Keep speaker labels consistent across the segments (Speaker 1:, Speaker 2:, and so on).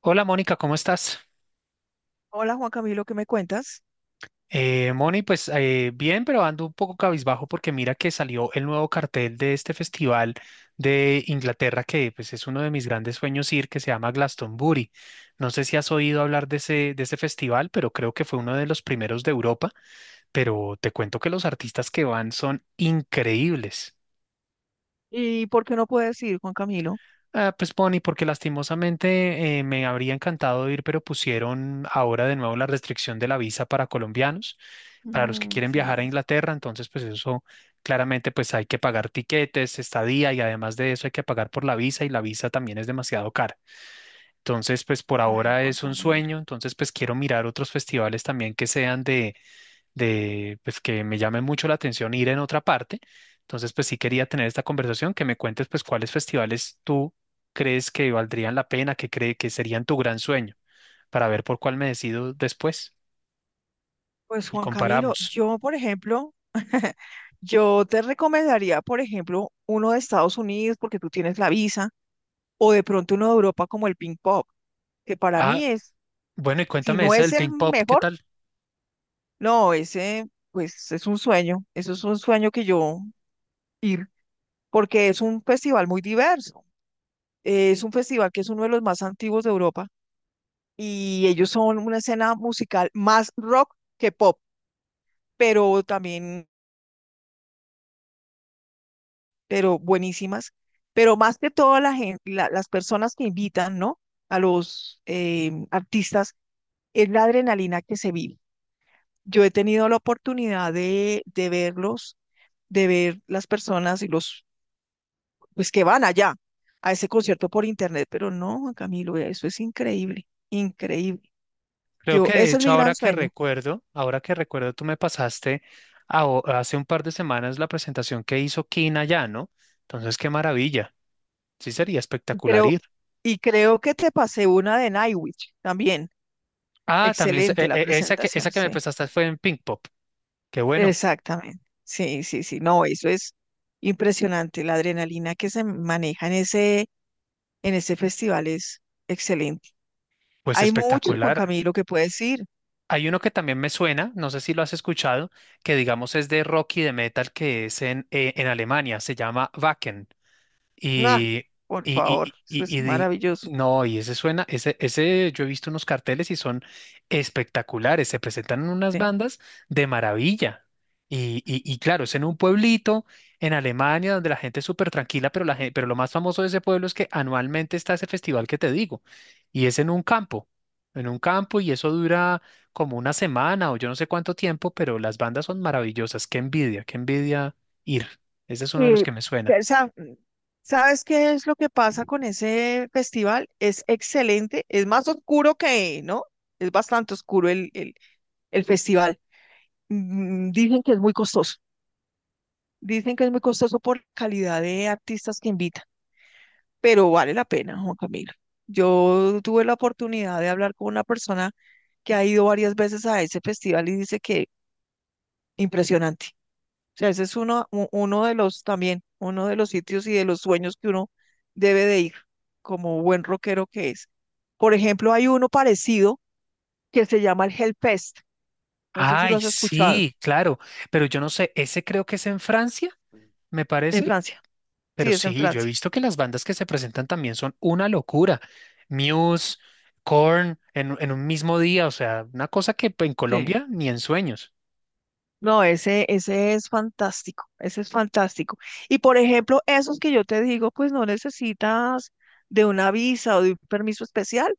Speaker 1: Hola Mónica, ¿cómo estás?
Speaker 2: Hola Juan Camilo, ¿qué me cuentas?
Speaker 1: Moni, pues bien, pero ando un poco cabizbajo porque mira que salió el nuevo cartel de este festival de Inglaterra que pues es uno de mis grandes sueños ir, que se llama Glastonbury. No sé si has oído hablar de ese festival, pero creo que fue uno de los primeros de Europa, pero te cuento que los artistas que van son increíbles.
Speaker 2: ¿Y por qué no puedes ir, Juan Camilo?
Speaker 1: Ah, pues Bonnie, porque lastimosamente me habría encantado ir, pero pusieron ahora de nuevo la restricción de la visa para colombianos, para los que
Speaker 2: Mm,
Speaker 1: quieren viajar
Speaker 2: sí.
Speaker 1: a Inglaterra, entonces pues eso claramente pues hay que pagar tiquetes, estadía y además de eso hay que pagar por la visa y la visa también es demasiado cara. Entonces pues por
Speaker 2: Ay,
Speaker 1: ahora
Speaker 2: Juan
Speaker 1: es un
Speaker 2: Camilo.
Speaker 1: sueño, entonces pues quiero mirar otros festivales también que sean de pues que me llame mucho la atención ir en otra parte. Entonces, pues sí quería tener esta conversación, que me cuentes pues cuáles festivales tú crees que valdrían la pena, que cree que serían tu gran sueño, para ver por cuál me decido después
Speaker 2: Pues
Speaker 1: y
Speaker 2: Juan Camilo,
Speaker 1: comparamos.
Speaker 2: yo, por ejemplo, yo te recomendaría, por ejemplo, uno de Estados Unidos porque tú tienes la visa, o de pronto uno de Europa como el Ping Pong, que para
Speaker 1: Ah,
Speaker 2: mí es,
Speaker 1: bueno, y
Speaker 2: si
Speaker 1: cuéntame
Speaker 2: no
Speaker 1: esa
Speaker 2: es
Speaker 1: del
Speaker 2: el
Speaker 1: Pink Pop, ¿qué
Speaker 2: mejor,
Speaker 1: tal?
Speaker 2: no, ese, pues es un sueño, eso es un sueño que yo ir, porque es un festival muy diverso, es un festival que es uno de los más antiguos de Europa y ellos son una escena musical más rock que pop, pero también, pero buenísimas, pero más que todo las personas que invitan, ¿no? A los artistas, es la adrenalina que se vive. Yo he tenido la oportunidad de verlos, de ver las personas y los, pues que van allá a ese concierto por internet, pero no, Camilo, eso es increíble, increíble.
Speaker 1: Creo
Speaker 2: Yo,
Speaker 1: que de
Speaker 2: ese es
Speaker 1: hecho
Speaker 2: mi gran sueño.
Speaker 1: ahora que recuerdo, tú me pasaste hace un par de semanas la presentación que hizo Kina allá, ¿no? Entonces, qué maravilla. Sí, sería espectacular
Speaker 2: Creo,
Speaker 1: ir.
Speaker 2: y creo que te pasé una de Nightwish también.
Speaker 1: Ah, también se-
Speaker 2: Excelente
Speaker 1: e-
Speaker 2: la
Speaker 1: e-
Speaker 2: presentación,
Speaker 1: esa que me
Speaker 2: sí.
Speaker 1: prestaste fue en Pink Pop. Qué bueno,
Speaker 2: Exactamente. Sí, sí, sí. No, eso es impresionante. La adrenalina que se maneja en ese festival es excelente.
Speaker 1: pues
Speaker 2: Hay mucho, Juan
Speaker 1: espectacular.
Speaker 2: Camilo, que puedes ir.
Speaker 1: Hay uno que también me suena, no sé si lo has escuchado, que digamos es de rock y de metal, que es en Alemania, se llama Wacken.
Speaker 2: Nah,
Speaker 1: Y,
Speaker 2: por
Speaker 1: y,
Speaker 2: favor,
Speaker 1: y,
Speaker 2: eso es
Speaker 1: y- y di-
Speaker 2: maravilloso.
Speaker 1: no, y ese suena, yo he visto unos carteles y son espectaculares, se presentan en unas
Speaker 2: Sí.
Speaker 1: bandas de maravilla. Y claro, es en un pueblito en Alemania donde la gente es súper tranquila, pero, pero lo más famoso de ese pueblo es que anualmente está ese festival que te digo, y es en un campo, y eso dura como una semana o yo no sé cuánto tiempo, pero las bandas son maravillosas, qué envidia ir. Ese es uno de los
Speaker 2: Y,
Speaker 1: que me suena.
Speaker 2: pero, sa- ¿Sabes qué es lo que pasa con ese festival? Es excelente, es más oscuro que, ¿no? Es bastante oscuro el festival. Mm, dicen que es muy costoso, dicen que es muy costoso por la calidad de artistas que invitan, pero vale la pena, Juan Camilo. Yo tuve la oportunidad de hablar con una persona que ha ido varias veces a ese festival y dice que impresionante. O sea, ese es uno, uno de los también, uno de los sitios y de los sueños que uno debe de ir como buen rockero que es. Por ejemplo, hay uno parecido que se llama el Hellfest. No sé si lo
Speaker 1: Ay,
Speaker 2: has escuchado.
Speaker 1: sí, claro, pero yo no sé, ese creo que es en Francia, me
Speaker 2: En
Speaker 1: parece,
Speaker 2: Francia.
Speaker 1: pero
Speaker 2: Sí, es en
Speaker 1: sí, yo he
Speaker 2: Francia.
Speaker 1: visto que las bandas que se presentan también son una locura. Muse, Korn, en un mismo día, o sea, una cosa que pues, en
Speaker 2: Sí.
Speaker 1: Colombia ni en sueños.
Speaker 2: No, ese es fantástico, ese es fantástico. Y por ejemplo, esos que yo te digo, pues no necesitas de una visa o de un permiso especial,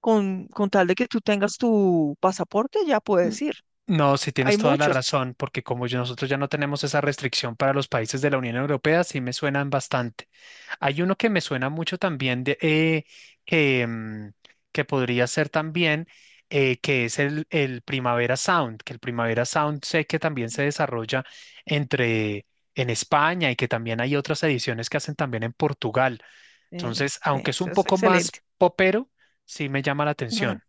Speaker 2: con tal de que tú tengas tu pasaporte, ya puedes
Speaker 1: N-
Speaker 2: ir.
Speaker 1: No, sí
Speaker 2: Hay
Speaker 1: tienes toda la
Speaker 2: muchos.
Speaker 1: razón, porque como yo- nosotros ya no tenemos esa restricción para los países de la Unión Europea, sí me suenan bastante. Hay uno que me suena mucho también de, que, mm, que podría ser también, el Primavera Sound, que el Primavera Sound sé que también se desarrolla entre en España y que también hay otras ediciones que hacen también en Portugal.
Speaker 2: Sí,
Speaker 1: Entonces,
Speaker 2: sí,
Speaker 1: aunque es
Speaker 2: eso
Speaker 1: un
Speaker 2: es
Speaker 1: poco más
Speaker 2: excelente.
Speaker 1: popero, sí me llama la
Speaker 2: Ujú.
Speaker 1: atención.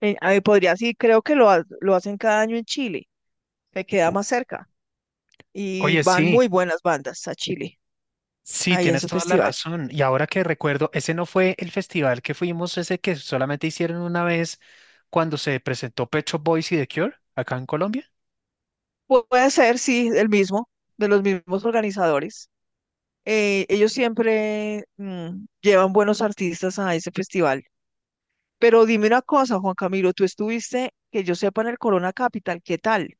Speaker 2: Ahí podría, sí, creo que lo hacen cada año en Chile, me queda más cerca. Y
Speaker 1: Oye,
Speaker 2: van
Speaker 1: sí.
Speaker 2: muy buenas bandas a Chile,
Speaker 1: Sí,
Speaker 2: ahí a
Speaker 1: tienes
Speaker 2: ese
Speaker 1: toda la
Speaker 2: festival.
Speaker 1: razón. Y ahora que recuerdo, ese no fue el festival que fuimos, ese que solamente hicieron una vez cuando se presentó Pecho Boys y The Cure acá en Colombia.
Speaker 2: Puede ser, sí, el mismo, de los mismos organizadores. Eh, ellos siempre mm, llevan buenos artistas a ese festival. Pero dime una cosa, Juan Camilo, tú estuviste, que yo sepa, en el Corona Capital, ¿qué tal?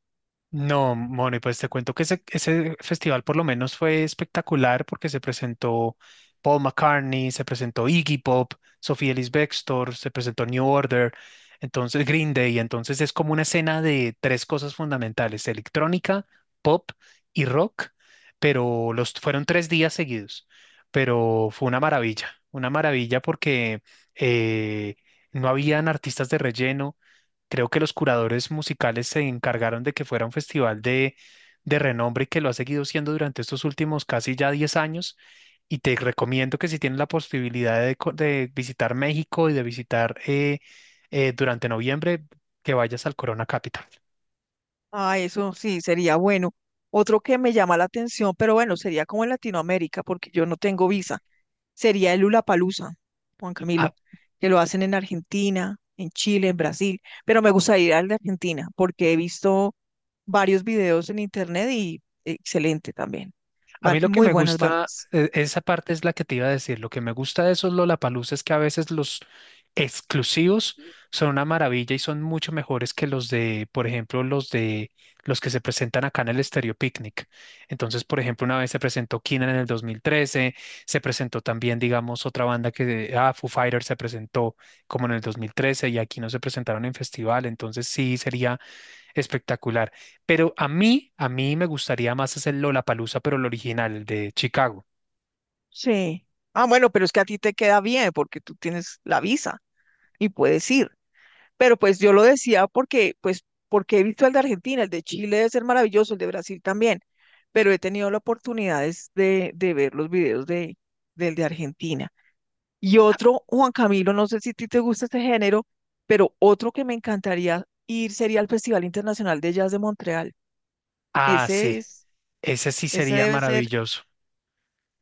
Speaker 1: No, Moni, pues te cuento que ese festival por lo menos fue espectacular porque se presentó Paul McCartney, se presentó Iggy Pop, Sofía Ellis Bextor, se presentó New Order, entonces Green Day, entonces es como una escena de tres cosas fundamentales, electrónica, pop y rock, pero los fueron tres días seguidos, pero fue una maravilla porque eh, no habían artistas de relleno. Creo que los curadores musicales se encargaron de que fuera un festival de renombre que lo ha seguido siendo durante estos últimos casi ya 10 años. Y te recomiendo que si tienes la posibilidad de visitar México y de visitar durante noviembre, que vayas al Corona Capital.
Speaker 2: Ah, eso sí, sería bueno. Otro que me llama la atención, pero bueno, sería como en Latinoamérica, porque yo no tengo visa, sería el Lollapalooza, Juan Camilo, que lo hacen en Argentina, en Chile, en Brasil, pero me gusta ir al de Argentina, porque he visto varios videos en internet y excelente también.
Speaker 1: A
Speaker 2: Van
Speaker 1: mí lo que
Speaker 2: muy
Speaker 1: me
Speaker 2: buenas
Speaker 1: gusta,
Speaker 2: bandas.
Speaker 1: esa parte es la que te iba a decir, lo que me gusta de esos Lollapalooza es que a veces los exclusivos son una maravilla y son mucho mejores que los de, por ejemplo, los que se presentan acá en el Estéreo Picnic. Entonces, por ejemplo, una vez se presentó Keane en el 2013, se presentó también, digamos, otra banda Foo Fighters se presentó como en el 2013 y aquí no se presentaron en festival, entonces sí sería espectacular. Pero a mí me gustaría más hacer Lollapalooza, pero el original, el de Chicago.
Speaker 2: Sí. Ah, bueno, pero es que a ti te queda bien porque tú tienes la visa y puedes ir. Pero pues yo lo decía porque, pues, porque he visto el de Argentina, el de Chile debe ser maravilloso, el de Brasil también, pero he tenido la oportunidad es de ver los videos del de Argentina. Y otro, Juan Camilo, no sé si a ti te gusta este género, pero otro que me encantaría ir sería al Festival Internacional de Jazz de Montreal.
Speaker 1: Ah,
Speaker 2: Ese
Speaker 1: sí,
Speaker 2: es,
Speaker 1: ese sí
Speaker 2: ese
Speaker 1: sería
Speaker 2: debe ser,
Speaker 1: maravilloso.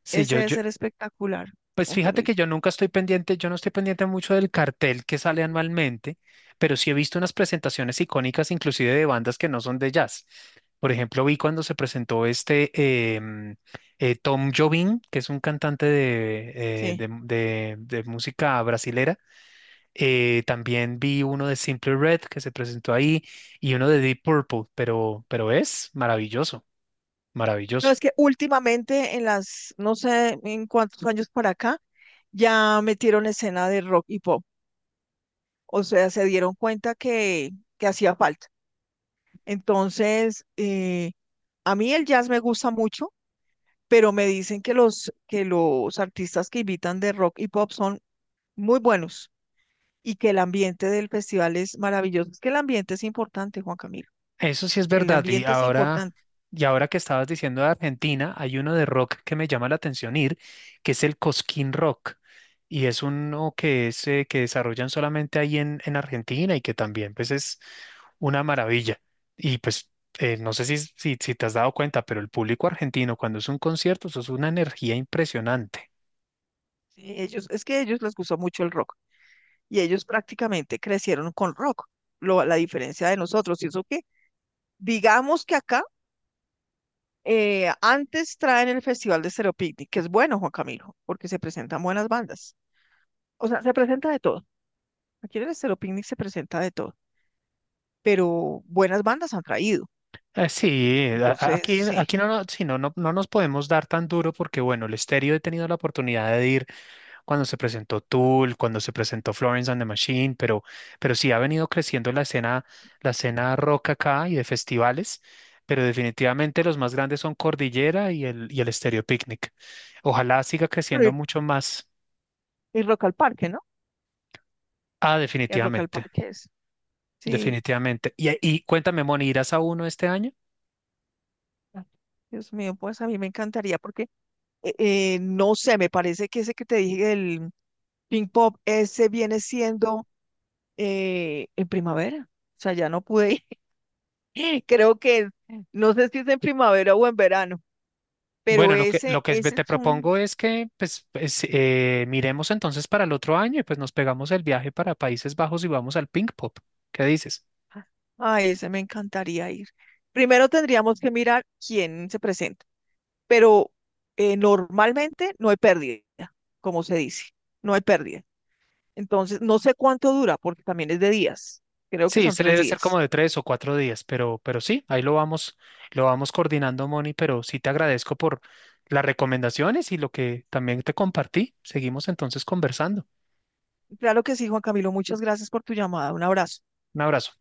Speaker 1: Sí,
Speaker 2: ese
Speaker 1: yo,
Speaker 2: debe
Speaker 1: yo,
Speaker 2: ser espectacular,
Speaker 1: pues
Speaker 2: Juan
Speaker 1: fíjate que
Speaker 2: Camilo.
Speaker 1: yo nunca estoy pendiente, yo no estoy pendiente mucho del cartel que sale anualmente, pero sí he visto unas presentaciones icónicas, inclusive de bandas que no son de jazz. Por ejemplo, vi cuando se presentó Tom Jobim, que es un cantante de,
Speaker 2: Sí.
Speaker 1: de música brasilera. También vi uno de Simple Red que se presentó ahí y uno de Deep Purple, pero es maravilloso,
Speaker 2: No,
Speaker 1: maravilloso.
Speaker 2: es que últimamente en las, no sé en cuántos años para acá, ya metieron escena de rock y pop. O sea, se dieron cuenta que hacía falta. Entonces, a mí el jazz me gusta mucho, pero me dicen que los artistas que invitan de rock y pop son muy buenos y que el ambiente del festival es maravilloso. Es que el ambiente es importante, Juan Camilo.
Speaker 1: Eso sí es
Speaker 2: El
Speaker 1: verdad.
Speaker 2: ambiente es importante.
Speaker 1: Y ahora que estabas diciendo de Argentina, hay uno de rock que me llama la atención ir, que es el Cosquín Rock. Y es uno que desarrollan solamente ahí en Argentina y que también pues es una maravilla. Y pues no sé si te has dado cuenta, pero el público argentino cuando es un concierto, eso es una energía impresionante.
Speaker 2: Sí, ellos, es que a ellos les gusta mucho el rock. Y ellos prácticamente crecieron con rock. Lo, la diferencia de nosotros, y eso que, digamos que acá antes traen el Festival de Stereo Picnic, que es bueno, Juan Camilo, porque se presentan buenas bandas. O sea, se presenta de todo. Aquí en el Stereo Picnic se presenta de todo, pero buenas bandas han traído.
Speaker 1: Sí,
Speaker 2: Entonces,
Speaker 1: aquí,
Speaker 2: sí.
Speaker 1: no nos podemos dar tan duro porque, bueno, el estéreo he tenido la oportunidad de ir cuando se presentó Tool, cuando se presentó Florence and the Machine, pero sí ha venido creciendo la escena rock acá y de festivales, pero definitivamente los más grandes son Cordillera y el Estéreo Picnic. Ojalá siga creciendo
Speaker 2: Y,
Speaker 1: mucho más.
Speaker 2: y Rock al Parque, ¿no?
Speaker 1: Ah,
Speaker 2: El Rock al
Speaker 1: definitivamente,
Speaker 2: Parque es, sí.
Speaker 1: definitivamente. Y cuéntame, Moni, ¿irás a uno este año?
Speaker 2: Ah, Dios mío, pues a mí me encantaría porque, no sé, me parece que ese que te dije, el Pink Pop, ese viene siendo en primavera. O sea, ya no pude ir. Creo que, no sé si es en primavera o en verano, pero
Speaker 1: Bueno,
Speaker 2: ese,
Speaker 1: lo que es,
Speaker 2: ese
Speaker 1: te
Speaker 2: es un,
Speaker 1: propongo es que miremos entonces para el otro año y pues nos pegamos el viaje para Países Bajos y vamos al Pink Pop. ¿Qué dices?
Speaker 2: a ese me encantaría ir. Primero tendríamos que mirar quién se presenta, pero normalmente no hay pérdida, como se dice, no hay pérdida. Entonces, no sé cuánto dura, porque también es de días. Creo que
Speaker 1: Sí,
Speaker 2: son
Speaker 1: se
Speaker 2: tres
Speaker 1: debe ser como
Speaker 2: días.
Speaker 1: de tres o cuatro días, pero sí, lo vamos coordinando, Moni, pero sí te agradezco por las recomendaciones y lo que también te compartí. Seguimos entonces conversando.
Speaker 2: Claro que sí, Juan Camilo, muchas gracias por tu llamada. Un abrazo.
Speaker 1: Un abrazo.